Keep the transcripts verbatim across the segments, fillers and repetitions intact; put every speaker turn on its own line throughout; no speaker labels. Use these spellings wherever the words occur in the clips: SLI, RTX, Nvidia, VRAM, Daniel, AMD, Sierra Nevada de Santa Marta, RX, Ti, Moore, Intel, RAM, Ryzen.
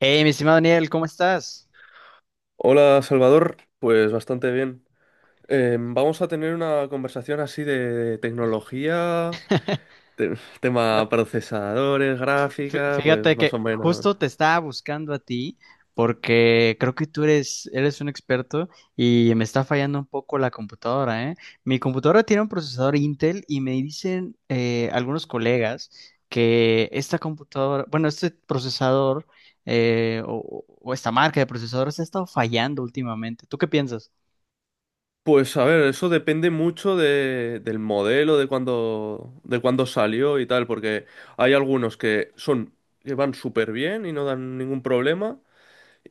Hey, mi estimado Daniel, ¿cómo estás?
Hola Salvador, pues bastante bien. Eh, vamos a tener una conversación así de tecnología, te-
No,
tema procesadores,
fí-
gráfica, pues
fíjate
más o
que
menos.
justo te estaba buscando a ti porque creo que tú eres, eres un experto y me está fallando un poco la computadora, ¿eh? Mi computadora tiene un procesador Intel y me dicen eh, algunos colegas que esta computadora, bueno, este procesador eh, o, o esta marca de procesadores ha estado fallando últimamente. ¿Tú qué piensas?
Pues a ver, eso depende mucho de- del modelo, de cuándo, de cuándo salió y tal, porque hay algunos que son, que van súper bien y no dan ningún problema,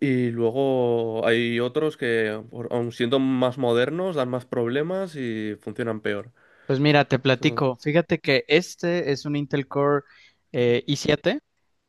y luego hay otros que, por- aun siendo más modernos, dan más problemas y funcionan peor.
Pues mira, te platico. Fíjate que este es un Intel Core eh, i siete,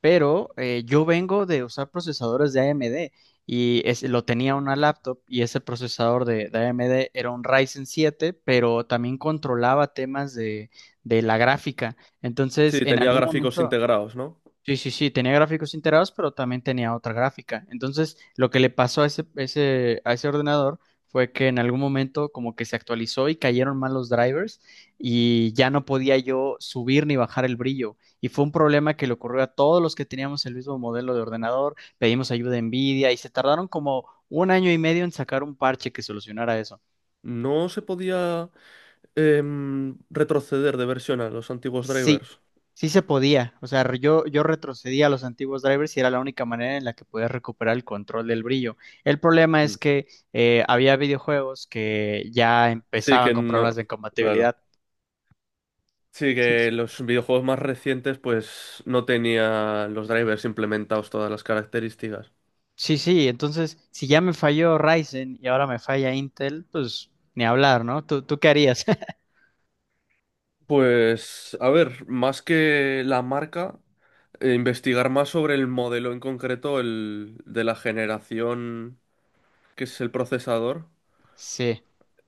pero eh, yo vengo de usar procesadores de A M D y es- lo tenía una laptop y ese procesador de, de A M D era un Ryzen siete, pero también controlaba temas de, de la gráfica. Entonces,
Sí,
en
tenía
algún
gráficos
momento...
integrados, ¿no?
Sí, sí, sí, tenía gráficos integrados, pero también tenía otra gráfica. Entonces, lo que le pasó a ese, ese- a ese ordenador fue que en algún momento como que se actualizó y cayeron mal los drivers y ya no podía yo subir ni bajar el brillo. Y fue un problema que le ocurrió a todos los que teníamos el mismo modelo de ordenador, pedimos ayuda a Nvidia y se tardaron como un año y medio en sacar un parche que solucionara eso.
No se podía, em, retroceder de versión a los antiguos
Sí,
drivers.
sí se podía. O sea, yo, yo retrocedía a los antiguos drivers y era la única manera en la que podía recuperar el control del brillo. El problema es
Mm.
que eh, había videojuegos que ya
Sí
empezaban
que
con problemas
no,
de
claro.
compatibilidad.
Sí que los videojuegos más recientes pues no tenían los drivers implementados todas las características.
Sí, sí, entonces si ya me falló Ryzen y ahora me falla Intel, pues ni hablar, ¿no? ¿Tú, tú qué harías?
Pues, a ver, más que la marca, eh, investigar más sobre el modelo en concreto, el de la generación que es el procesador.
Sí.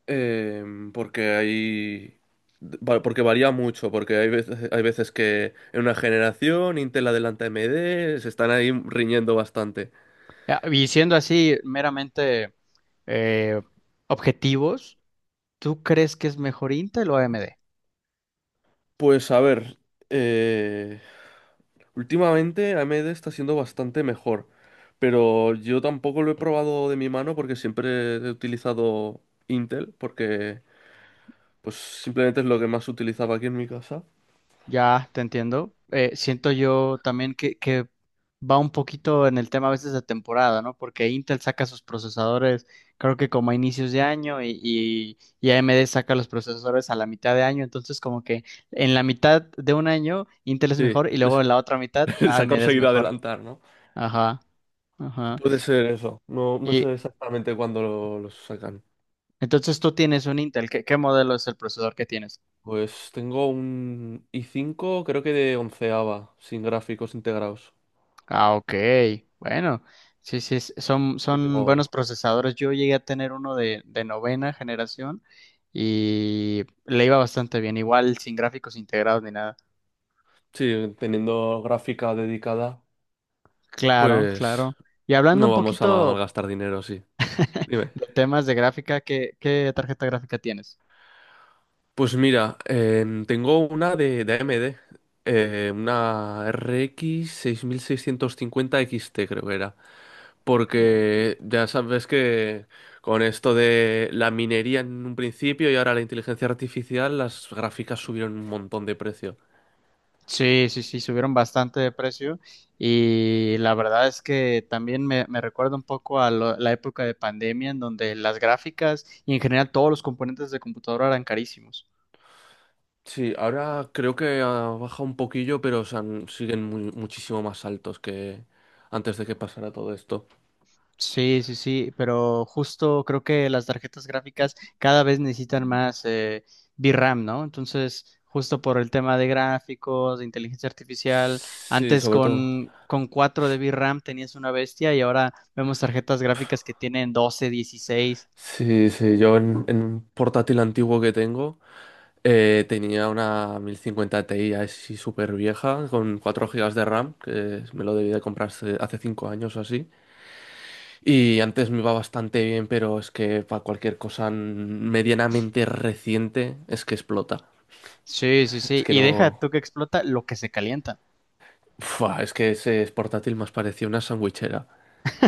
Eh, porque hay... va- Porque varía mucho, porque hay veces, hay veces que en una generación Intel adelanta a AMD, se están ahí riñendo bastante.
Ah, y siendo así meramente eh, objetivos, ¿tú crees que es mejor Intel o A M D?
Pues a ver, eh, últimamente A M D está siendo bastante mejor, pero yo tampoco lo he probado de mi mano porque siempre he utilizado Intel, porque pues simplemente es lo que más utilizaba aquí en mi casa.
Ya, te entiendo. Eh, siento yo también que, que va un poquito en el tema a veces de temporada, ¿no? Porque Intel saca sus procesadores, creo que como a inicios de año, y, y, y A M D saca los procesadores a la mitad de año. Entonces, como que en la mitad de un año Intel es
Sí,
mejor y luego
les,
en la otra mitad
les ha
A M D es
conseguido
mejor.
adelantar, ¿no?
Ajá, ajá.
Puede ser eso. No, no
Y
sé exactamente cuándo lo- los sacan.
entonces tú tienes un Intel. ¿Qué, qué modelo es el procesador que tienes?
Pues tengo un i cinco, creo que de onceava, sin gráficos integrados.
Ah, ok. Bueno, sí, sí, es- son,
Que
son buenos
tengo,
procesadores. Yo llegué a tener uno de, de novena generación y le iba bastante bien, igual sin gráficos integrados ni nada.
sí, teniendo gráfica dedicada,
Claro,
pues
claro. Y hablando
no
un
vamos a ma-
poquito
malgastar dinero, sí. Dime.
de temas de gráfica, ¿qué, qué tarjeta gráfica tienes?
Pues mira, em, tengo una de, de A M D, eh, una RX x XT creo que era,
Oh.
porque ya sabes que con esto de la minería en un principio y ahora la inteligencia artificial, las gráficas subieron un montón de precio.
Sí, sí, sí, subieron bastante de precio y la verdad es que también me, me recuerda un poco a lo- la época de pandemia en donde las gráficas y en general todos los componentes de computadora eran carísimos.
Sí, ahora creo que ha bajado un poquillo, pero o sea, n- siguen mu- muchísimo más altos que antes de que pasara todo esto.
Sí, sí, sí, pero justo creo que las tarjetas gráficas cada vez necesitan más eh, V R A M, ¿no? Entonces, justo por el tema de gráficos, de inteligencia artificial,
Sí,
antes
sobre todo.
con, con cuatro de V R A M tenías una bestia y ahora vemos tarjetas gráficas que tienen doce, dieciséis.
Sí, sí, yo en, en un portátil antiguo que tengo, eh, tenía una mil cincuenta Ti así súper vieja con cuatro gigas de RAM, que me lo debí de comprar hace hace cinco años o así. Y antes me iba bastante bien, pero es que para cualquier cosa medianamente reciente es que explota.
Sí, sí,
Es
sí,
que
y deja
no...
tú que explota lo que se calienta.
Fua, es que ese portátil más parecía una sandwichera.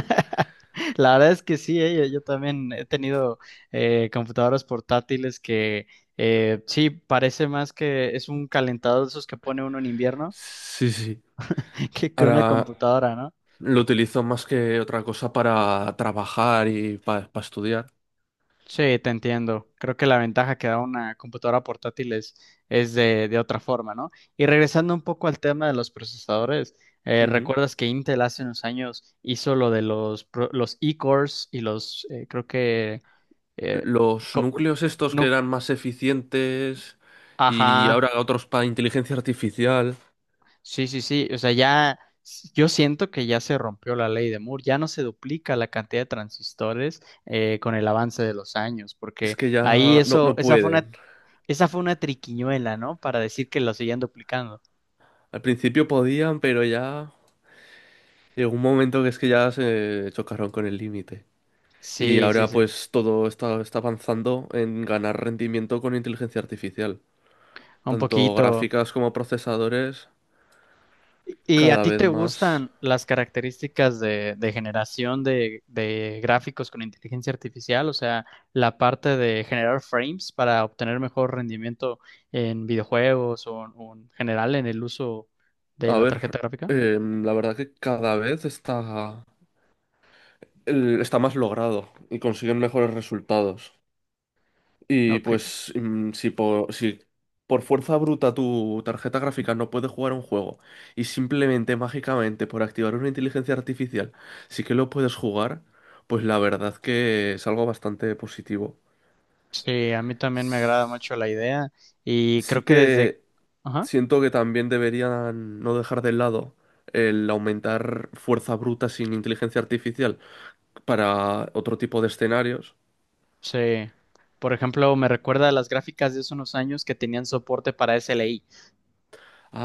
La verdad es que sí, eh, yo yo también he tenido eh, computadoras portátiles que eh, sí, parece más que es un calentador de esos que pone uno en invierno
Sí, sí.
que, que una
Ahora
computadora, ¿no?
lo utilizo más que otra cosa para trabajar y para estudiar.
Sí, te entiendo. Creo que la ventaja que da una computadora portátil es, es de, de otra forma, ¿no? Y regresando un poco al tema de los procesadores, eh,
Ujú.
¿recuerdas que Intel hace unos años hizo lo de los, pro- los e-cores y los, eh, creo que, eh,
Los
co-
núcleos estos que
no,
eran más eficientes y
ajá.
ahora otros para inteligencia artificial,
Sí, sí, sí. O sea, ya s- yo siento que ya se rompió la ley de Moore. Ya no se duplica la cantidad de transistores eh, con el avance de los años,
es
porque
que
ahí
ya no,
eso,
no
esa fue una,
pueden.
esa fue una triquiñuela, ¿no? Para decir que lo seguían duplicando.
Al principio podían, pero ya... Llegó un momento que es que ya se chocaron con el límite. Y
Sí, sí,
ahora
sí.
pues todo está, está avanzando en ganar rendimiento con inteligencia artificial.
Un
Tanto
poquito.
gráficas como procesadores,
¿Y a
cada
ti
vez
te
más.
gustan las características de, de generación de, de gráficos con inteligencia artificial? O sea, la parte de generar frames para obtener mejor rendimiento en videojuegos o, o en general en el uso de
A
la
ver,
tarjeta gráfica.
eh, la verdad que cada vez está, el- está más logrado y consiguen mejores resultados. Y
Ok.
pues mm, si por, si por fuerza bruta tu tarjeta gráfica no puede jugar un juego y simplemente mágicamente por activar una inteligencia artificial sí que lo puedes jugar, pues la verdad que es algo bastante positivo.
Sí, a mí también me agrada mucho la idea y creo
Sí
que desde...
que
Ajá.
siento que también deberían no dejar de lado el aumentar fuerza bruta sin inteligencia artificial para otro tipo de escenarios.
Sí. Por ejemplo, me recuerda a las gráficas de hace unos años que tenían soporte para S L I.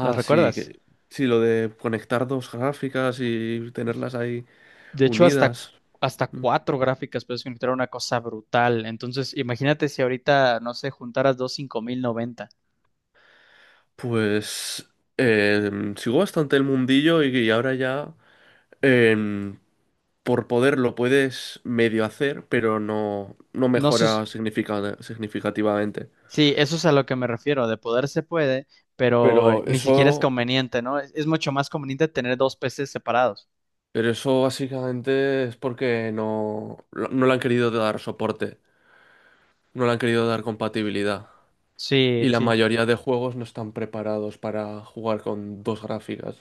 ¿Las
sí,
recuerdas?
que sí, lo de conectar dos gráficas y tenerlas ahí.
De hecho, hasta,
Unidas.
hasta cuatro gráficas puedes conectar una cosa brutal. Entonces, imagínate si ahorita, no sé, juntaras dos cinco mil noventa.
Pues em, sigo bastante el mundillo y, y ahora ya, em, por poder lo puedes medio hacer, pero no, no
No sé, s-
mejora significa- significativamente.
sí, eso es a lo que me refiero. De poder se puede, pero
Pero
ni siquiera es
eso,
conveniente, ¿no? Es, es mucho más conveniente tener dos P Cs separados.
pero eso básicamente es porque no, no le han querido dar soporte, no le han querido dar compatibilidad.
Sí,
Y la
sí.
mayoría de juegos no están preparados para jugar con dos gráficas.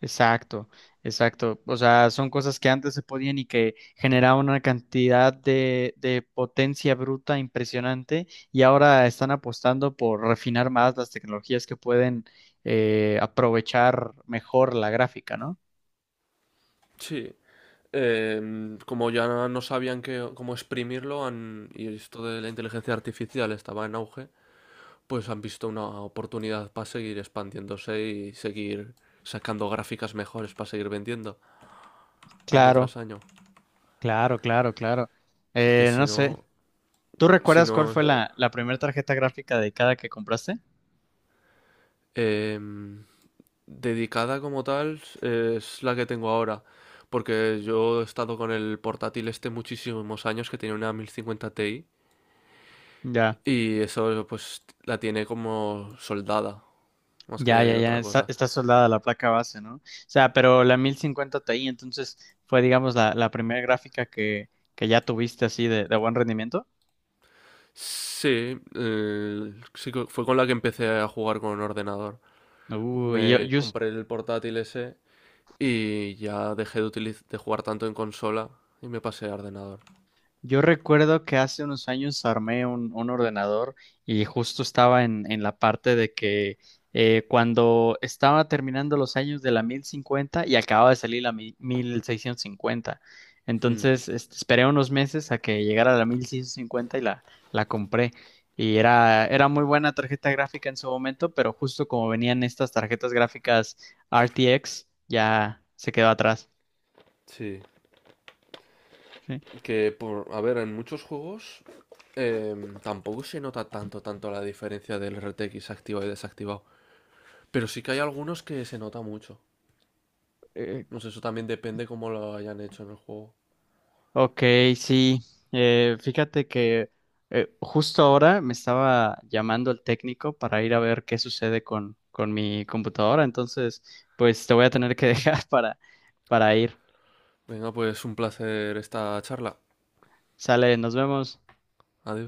Exacto, exacto. O sea, son cosas que antes se podían y que generaban una cantidad de, de potencia bruta impresionante y ahora están apostando por refinar más las tecnologías que pueden eh, aprovechar mejor la gráfica, ¿no?
Sí. Eh, como ya no sabían que, cómo exprimirlo, han- y esto de la inteligencia artificial estaba en auge, pues han visto una oportunidad para seguir expandiéndose y seguir sacando gráficas mejores para seguir vendiendo año
Claro,
tras año.
claro, claro, claro.
Porque
Eh,
si
no sé,
no,
¿tú
si
recuerdas cuál
no,
fue la, la primera tarjeta gráfica dedicada que compraste?
em, dedicada como tal es la que tengo ahora. Porque yo he estado con el portátil este muchísimos años que tiene una mil cincuenta Ti
Ya.
y eso pues la tiene como soldada, más
Ya, ya,
que
ya,
otra
está,
cosa.
está soldada la placa base, ¿no? O sea, pero la mil cincuenta Ti, entonces fue, digamos, la, la primera gráfica que, que ya tuviste así de, de buen rendimiento.
Sí, eh, sí que fue con la que empecé a jugar con ordenador.
Uy, yo,
Me
yo,
compré el portátil ese y ya dejé de, utiliz- de jugar tanto en consola y me pasé a ordenador.
yo recuerdo que hace unos años armé un, un ordenador y justo estaba en, en la parte de que eh, cuando estaba terminando los años de la mil cincuenta y acababa de salir la mi- mil seiscientos cincuenta.
Hmm.
Entonces este, esperé unos meses a que llegara la mil seiscientos cincuenta y la, la compré. Y era, era muy buena tarjeta gráfica en su momento, pero justo como venían estas tarjetas gráficas R T X, ya se quedó atrás.
Sí,
Sí.
que por, a ver, en muchos juegos, em, tampoco se nota tanto, tanto la diferencia del R T X activado y desactivado. Pero sí que hay algunos que se nota mucho.
Eh,
No sé, eso también depende cómo lo hayan hecho en el juego.
ok, sí. Eh, fíjate que eh, justo ahora me estaba llamando el técnico para ir a ver qué sucede con, con mi computadora. Entonces, pues te voy a tener que dejar para, para ir.
Venga, pues un placer esta charla.
Sale, nos vemos.
Adiós.